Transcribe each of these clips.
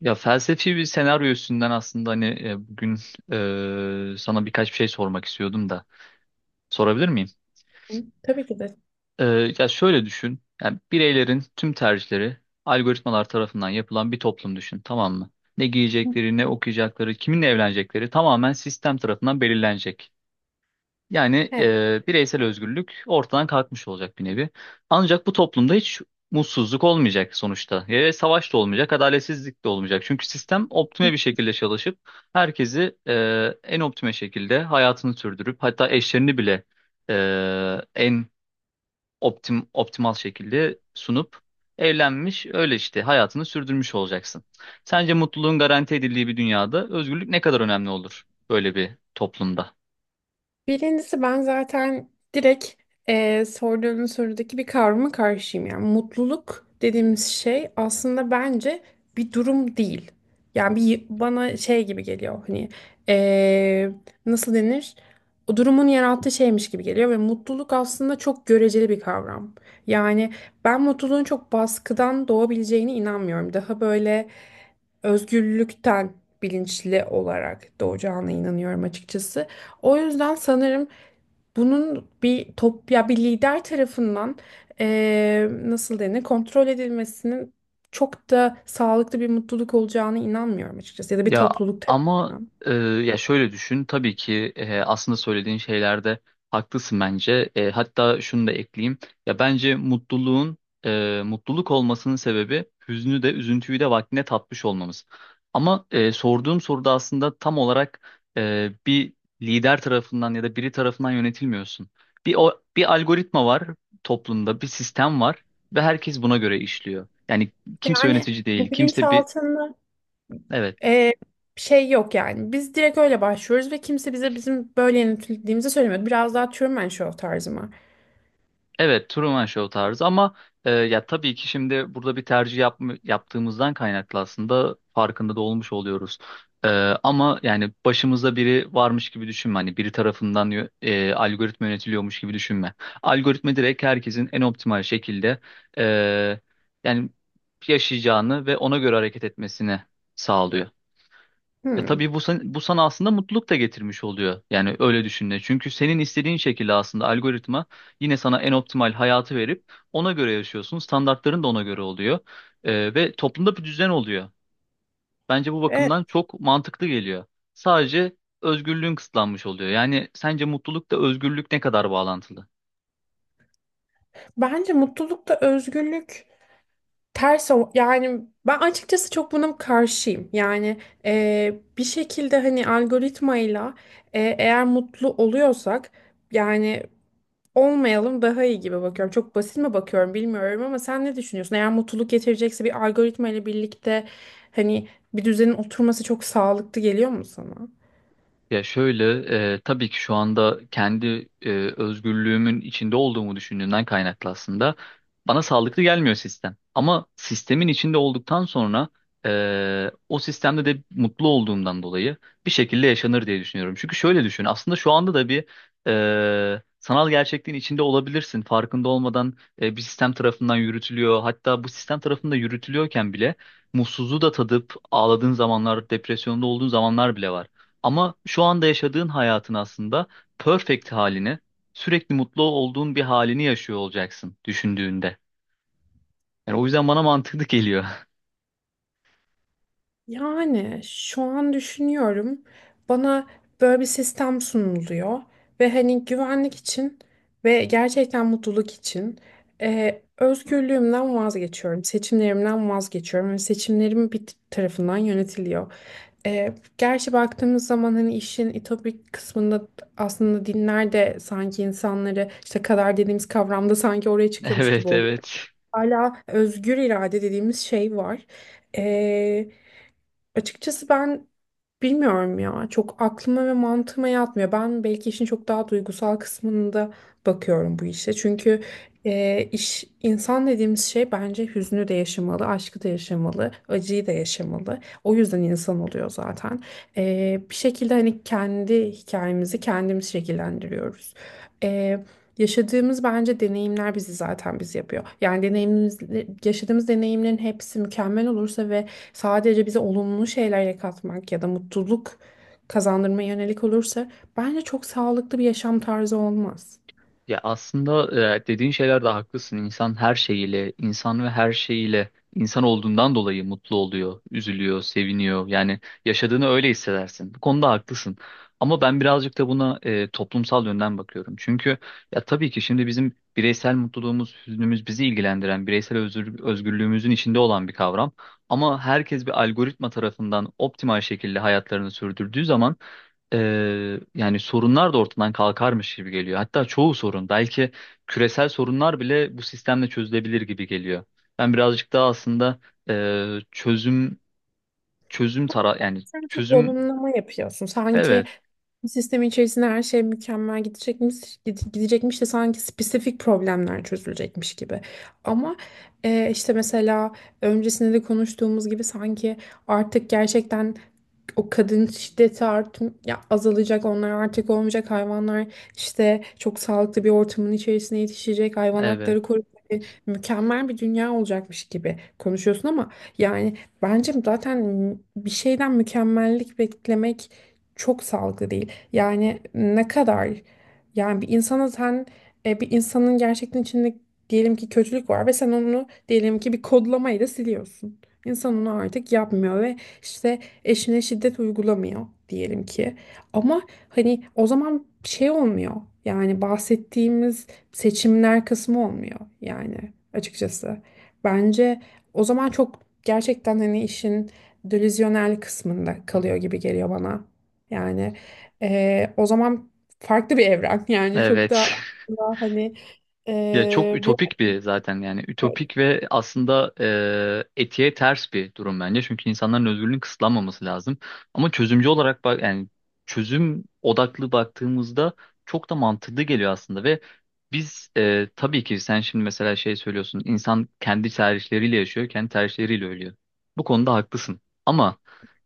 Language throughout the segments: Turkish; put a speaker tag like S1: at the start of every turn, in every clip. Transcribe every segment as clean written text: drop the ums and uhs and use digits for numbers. S1: Ya felsefi bir senaryo üstünden aslında hani bugün sana birkaç bir şey sormak istiyordum da sorabilir miyim?
S2: Hı, tabii ki de.
S1: E, Ya şöyle düşün. Yani bireylerin tüm tercihleri algoritmalar tarafından yapılan bir toplum düşün, tamam mı? Ne giyecekleri, ne okuyacakları, kiminle evlenecekleri tamamen sistem tarafından belirlenecek. Yani bireysel özgürlük ortadan kalkmış olacak bir nevi. Ancak bu toplumda hiç mutsuzluk olmayacak sonuçta. Ve savaş da olmayacak, adaletsizlik de olmayacak. Çünkü sistem optime bir şekilde çalışıp herkesi en optime şekilde hayatını sürdürüp hatta eşlerini bile e, en optimal şekilde sunup evlenmiş öyle işte hayatını sürdürmüş olacaksın. Sence mutluluğun garanti edildiği bir dünyada özgürlük ne kadar önemli olur böyle bir toplumda?
S2: Birincisi ben zaten direkt sorduğun sorudaki bir kavrama karşıyım. Yani mutluluk dediğimiz şey aslında bence bir durum değil. Yani bir bana şey gibi geliyor hani eee, nasıl denir? O durumun yarattığı şeymiş gibi geliyor ve mutluluk aslında çok göreceli bir kavram. Yani ben mutluluğun çok baskıdan doğabileceğine inanmıyorum. Daha böyle özgürlükten bilinçli olarak doğacağına inanıyorum açıkçası. O yüzden sanırım bunun bir top ya bir lider tarafından nasıl denir, kontrol edilmesinin çok da sağlıklı bir mutluluk olacağına inanmıyorum açıkçası, ya da bir
S1: Ya
S2: topluluk
S1: ama
S2: tarafından.
S1: ya şöyle düşün tabii ki aslında söylediğin şeylerde haklısın bence. E, hatta şunu da ekleyeyim. Ya bence mutluluğun mutluluk olmasının sebebi hüznü de üzüntüyü de vaktine tatmış olmamız. Ama sorduğum soruda aslında tam olarak bir lider tarafından ya da biri tarafından yönetilmiyorsun. Bir algoritma var toplumda, bir sistem var ve herkes buna göre işliyor. Yani kimse
S2: Yani
S1: yönetici değil,
S2: bu
S1: kimse bir
S2: bilinçaltını
S1: evet.
S2: Ee, şey yok yani. Biz direkt öyle başlıyoruz ve kimse bize bizim böyle yönetildiğimizi söylemiyor. Biraz daha Truman Show tarzı mı?
S1: Evet, Truman Show tarzı ama ya tabii ki şimdi burada bir tercih yapma, yaptığımızdan kaynaklı aslında farkında da olmuş oluyoruz. E, ama yani başımızda biri varmış gibi düşünme. Hani biri tarafından algoritma yönetiliyormuş gibi düşünme. Algoritma direkt herkesin en optimal şekilde e, yani yaşayacağını ve ona göre hareket etmesini sağlıyor. Ya
S2: Hmm.
S1: tabii bu sana aslında mutluluk da getirmiş oluyor. Yani öyle düşündüğünde. Çünkü senin istediğin şekilde aslında algoritma yine sana en optimal hayatı verip ona göre yaşıyorsun. Standartların da ona göre oluyor. Ve toplumda bir düzen oluyor. Bence bu
S2: Evet.
S1: bakımdan çok mantıklı geliyor. Sadece özgürlüğün kısıtlanmış oluyor. Yani sence mutlulukla özgürlük ne kadar bağlantılı?
S2: Bence mutlulukta özgürlük ters o- yani ben açıkçası çok buna karşıyım. Yani bir şekilde hani algoritmayla eğer mutlu oluyorsak yani olmayalım daha iyi gibi bakıyorum. Çok basit mi bakıyorum bilmiyorum ama sen ne düşünüyorsun? Eğer mutluluk getirecekse bir algoritma ile birlikte hani bir düzenin oturması çok sağlıklı geliyor mu sana?
S1: Ya şöyle, tabii ki şu anda kendi özgürlüğümün içinde olduğumu düşündüğümden kaynaklı aslında bana sağlıklı gelmiyor sistem. Ama sistemin içinde olduktan sonra o sistemde de mutlu olduğumdan dolayı bir şekilde yaşanır diye düşünüyorum. Çünkü şöyle düşün, aslında şu anda da bir sanal gerçekliğin içinde olabilirsin. Farkında olmadan bir sistem tarafından yürütülüyor. Hatta bu sistem tarafında yürütülüyorken bile mutsuzluğu da tadıp ağladığın zamanlar, depresyonda olduğun zamanlar bile var. Ama şu anda yaşadığın hayatın aslında perfect halini, sürekli mutlu olduğun bir halini yaşıyor olacaksın düşündüğünde. Yani o yüzden bana mantıklı geliyor.
S2: Yani şu an düşünüyorum, bana böyle bir sistem sunuluyor ve hani güvenlik için ve gerçekten mutluluk için özgürlüğümden vazgeçiyorum, seçimlerimden vazgeçiyorum ve seçimlerim bir t- tarafından yönetiliyor. E, gerçi baktığımız zaman hani işin ütopik kısmında aslında dinler de sanki insanları işte kader dediğimiz kavramda sanki oraya çıkıyormuş gibi
S1: Evet,
S2: oluyor.
S1: evet.
S2: Hala özgür irade dediğimiz şey var. Açıkçası ben bilmiyorum ya. Çok aklıma ve mantığıma yatmıyor. Ben belki işin çok daha duygusal kısmında bakıyorum bu işe. Çünkü iş insan dediğimiz şey bence hüznü de yaşamalı, aşkı da yaşamalı, acıyı da yaşamalı. O yüzden insan oluyor zaten. E, bir şekilde hani kendi hikayemizi kendimiz şekillendiriyoruz. E, yaşadığımız bence deneyimler bizi zaten biz yapıyor. Yani deneyimimiz, yaşadığımız deneyimlerin hepsi mükemmel olursa ve sadece bize olumlu şeyler katmak ya da mutluluk kazandırmaya yönelik olursa bence çok sağlıklı bir yaşam tarzı olmaz.
S1: Ya aslında dediğin şeyler de haklısın. İnsan her şeyiyle, insan ve her şeyiyle insan olduğundan dolayı mutlu oluyor, üzülüyor, seviniyor. Yani yaşadığını öyle hissedersin. Bu konuda haklısın. Ama ben birazcık da buna toplumsal yönden bakıyorum. Çünkü ya tabii ki şimdi bizim bireysel mutluluğumuz, hüznümüz bizi ilgilendiren, bireysel özgürlüğümüzün içinde olan bir kavram. Ama herkes bir algoritma tarafından optimal şekilde hayatlarını sürdürdüğü zaman e, yani sorunlar da ortadan kalkarmış gibi geliyor. Hatta çoğu sorun, belki küresel sorunlar bile bu sistemle çözülebilir gibi geliyor. Ben birazcık daha aslında çözüm çözüm tara yani
S2: Sen çok
S1: çözüm
S2: olumlama yapıyorsun. Sanki
S1: evet
S2: bir sistemin içerisinde her şey mükemmel gidecekmiş, gidecekmiş de sanki spesifik problemler çözülecekmiş gibi. Ama işte mesela öncesinde de konuştuğumuz gibi sanki artık gerçekten o kadın şiddeti art ya azalacak, onlar artık olmayacak, hayvanlar işte çok sağlıklı bir ortamın içerisine yetişecek, hayvan
S1: evet
S2: hakları koruyacak, mükemmel bir dünya olacakmış gibi konuşuyorsun ama yani bence zaten bir şeyden mükemmellik beklemek çok sağlıklı değil. Yani ne kadar yani bir insana sen bir insanın gerçekten içinde diyelim ki kötülük var ve sen onu diyelim ki bir kodlamayla siliyorsun. İnsan onu artık yapmıyor ve işte eşine şiddet uygulamıyor diyelim ki. Ama hani o zaman şey olmuyor. Yani bahsettiğimiz seçimler kısmı olmuyor yani açıkçası. Bence o zaman çok gerçekten hani işin delüzyonel kısmında kalıyor gibi geliyor bana. Yani o zaman farklı bir evren yani çok da
S1: evet
S2: aslında hani
S1: Ya çok
S2: bir
S1: ütopik bir zaten yani ütopik ve aslında etiğe ters bir durum bence. Çünkü insanların özgürlüğünün kısıtlanmaması lazım. Ama çözümcü olarak bak yani çözüm odaklı baktığımızda çok da mantıklı geliyor aslında ve biz tabii ki sen şimdi mesela şey söylüyorsun insan kendi tercihleriyle yaşıyor, kendi tercihleriyle ölüyor. Bu konuda haklısın. Ama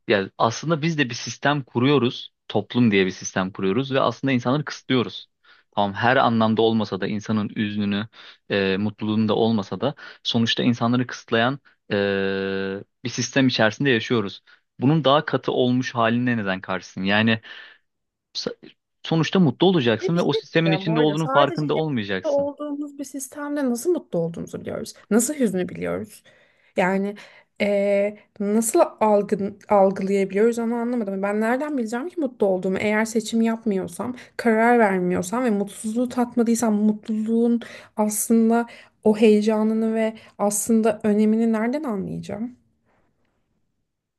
S1: yani aslında biz de bir sistem kuruyoruz, toplum diye bir sistem kuruyoruz ve aslında insanları kısıtlıyoruz. Tamam her anlamda olmasa da insanın üzününü, mutluluğunu da olmasa da sonuçta insanları kısıtlayan e, bir sistem içerisinde yaşıyoruz. Bunun daha katı olmuş haline neden karşısın? Yani s- sonuçta mutlu
S2: ve
S1: olacaksın
S2: bir
S1: ve o
S2: şey
S1: sistemin
S2: diyeceğim bu
S1: içinde
S2: arada,
S1: olduğunun
S2: sadece
S1: farkında
S2: hep mutlu
S1: olmayacaksın.
S2: olduğumuz bir sistemde nasıl mutlu olduğumuzu biliyoruz. Nasıl hüznü biliyoruz. Yani nasıl algılayabiliyoruz onu anlamadım. Ben nereden bileceğim ki mutlu olduğumu? Eğer seçim yapmıyorsam, karar vermiyorsam ve mutsuzluğu tatmadıysam mutluluğun aslında o heyecanını ve aslında önemini nereden anlayacağım?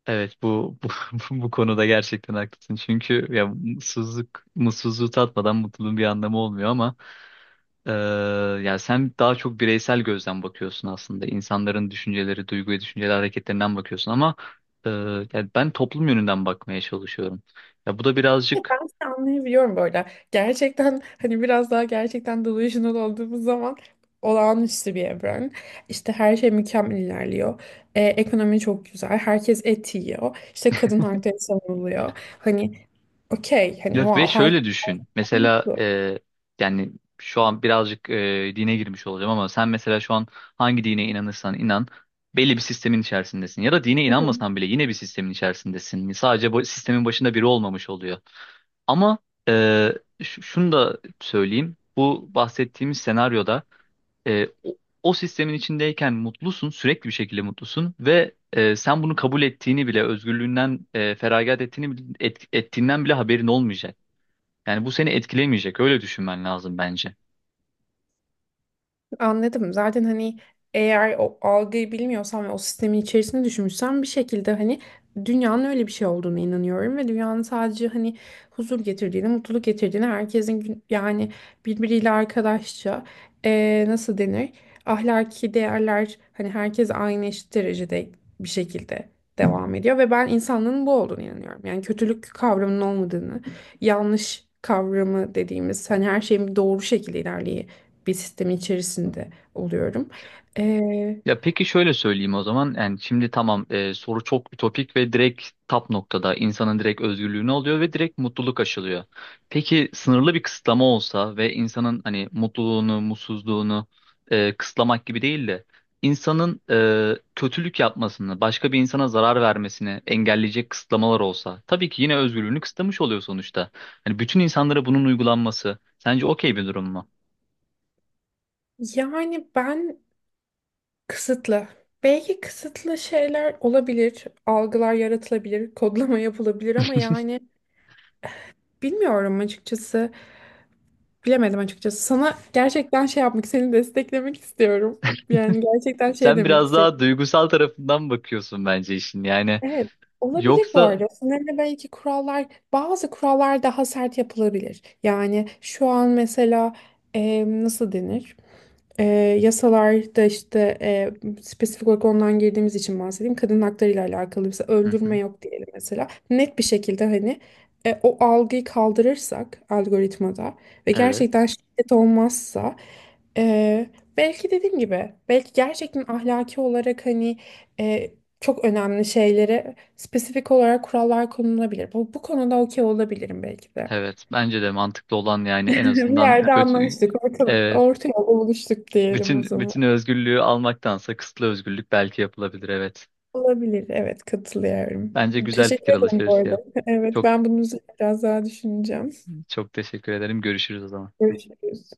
S1: Evet, bu konuda gerçekten haklısın. Çünkü ya mutsuzluğu tatmadan mutluluğun bir anlamı olmuyor ama Ee, yani sen daha çok bireysel gözden bakıyorsun aslında. İnsanların düşünceleri, duygu ve düşünceleri hareketlerinden bakıyorsun ama e, yani ben toplum yönünden bakmaya çalışıyorum. Ya bu da
S2: Ya
S1: birazcık
S2: ben seni anlayabiliyorum böyle. Gerçekten hani biraz daha gerçekten delusional olduğumuz zaman olağanüstü bir evren. İşte her şey mükemmel ilerliyor. Ekonomi çok güzel. Herkes et yiyor. İşte kadın hakları savunuluyor. Hani okey hani
S1: ya ve
S2: wow herkes
S1: şöyle düşün. Mesela
S2: mutlu.
S1: yani şu an birazcık dine girmiş olacağım ama sen mesela şu an hangi dine inanırsan inan belli bir sistemin içerisindesin. Ya da dine inanmasan bile yine bir sistemin içerisindesin. Sadece bu sistemin başında biri olmamış oluyor. Ama e, şunu da söyleyeyim. Bu bahsettiğimiz senaryoda e, o, o sistemin içindeyken mutlusun, sürekli bir şekilde mutlusun ve sen bunu kabul ettiğini bile, özgürlüğünden feragat ettiğinden bile haberin olmayacak. Yani bu seni etkilemeyecek. Öyle düşünmen lazım bence.
S2: Anladım. Zaten hani eğer o algıyı bilmiyorsan ve o sistemin içerisinde düşünmüşsen bir şekilde hani dünyanın öyle bir şey olduğunu inanıyorum ve dünyanın sadece hani huzur getirdiğini, mutluluk getirdiğini, herkesin gün- yani birbiriyle arkadaşça nasıl denir? Ahlaki değerler, hani herkes aynı eşit derecede bir şekilde devam ediyor ve ben insanlığın bu olduğunu inanıyorum. Yani kötülük kavramının olmadığını, yanlış kavramı dediğimiz hani her şeyin doğru şekilde ilerleyi bir sistemin içerisinde oluyorum. Ee,
S1: Ya peki şöyle söyleyeyim o zaman. Yani şimdi tamam soru çok ütopik ve direkt tap noktada insanın direkt özgürlüğünü alıyor ve direkt mutluluk aşılıyor. Peki sınırlı bir kısıtlama olsa ve insanın hani mutluluğunu, mutsuzluğunu kısıtlamak gibi değil de insanın kötülük yapmasını, başka bir insana zarar vermesini engelleyecek kısıtlamalar olsa tabii ki yine özgürlüğünü kısıtlamış oluyor sonuçta. Hani bütün insanlara bunun uygulanması sence okey bir durum mu?
S2: yani ben kısıtlı. Belki kısıtlı şeyler olabilir, algılar yaratılabilir, kodlama yapılabilir ama yani bilmiyorum açıkçası, bilemedim açıkçası. Sana gerçekten şey yapmak, seni desteklemek istiyorum. Yani gerçekten şey
S1: Sen
S2: demek
S1: biraz daha
S2: istiyorum.
S1: duygusal tarafından bakıyorsun bence işin. Yani
S2: Evet, olabilir bu
S1: Yoksa
S2: arada. Sanırım belki kurallar, bazı kurallar daha sert yapılabilir. Yani şu an mesela nasıl denir? E, yasalarda işte spesifik olarak ondan girdiğimiz için bahsedeyim. Kadın hakları ile alakalı mesela
S1: hı
S2: öldürme
S1: hı.
S2: yok diyelim mesela. Net bir şekilde hani o algıyı kaldırırsak algoritmada ve
S1: Evet,
S2: gerçekten şiddet olmazsa e, belki dediğim gibi belki gerçekten ahlaki olarak hani çok önemli şeylere spesifik olarak kurallar konulabilir. Bu konuda okey olabilirim belki de.
S1: evet. Bence de mantıklı olan yani en
S2: Bir
S1: azından
S2: yerde
S1: kötü
S2: anlaştık. Orta,
S1: evet,
S2: orta yolda buluştuk diyelim o
S1: bütün
S2: zaman.
S1: bütün özgürlüğü almaktansa kısıtlı özgürlük belki yapılabilir evet.
S2: Olabilir. Evet katılıyorum.
S1: Bence güzel
S2: Teşekkür
S1: fikir
S2: ederim bu
S1: alışverişi
S2: arada.
S1: yap.
S2: Evet
S1: Çok
S2: ben bunun üzerine biraz daha düşüneceğim.
S1: çok teşekkür ederim. Görüşürüz o zaman.
S2: Görüşürüz.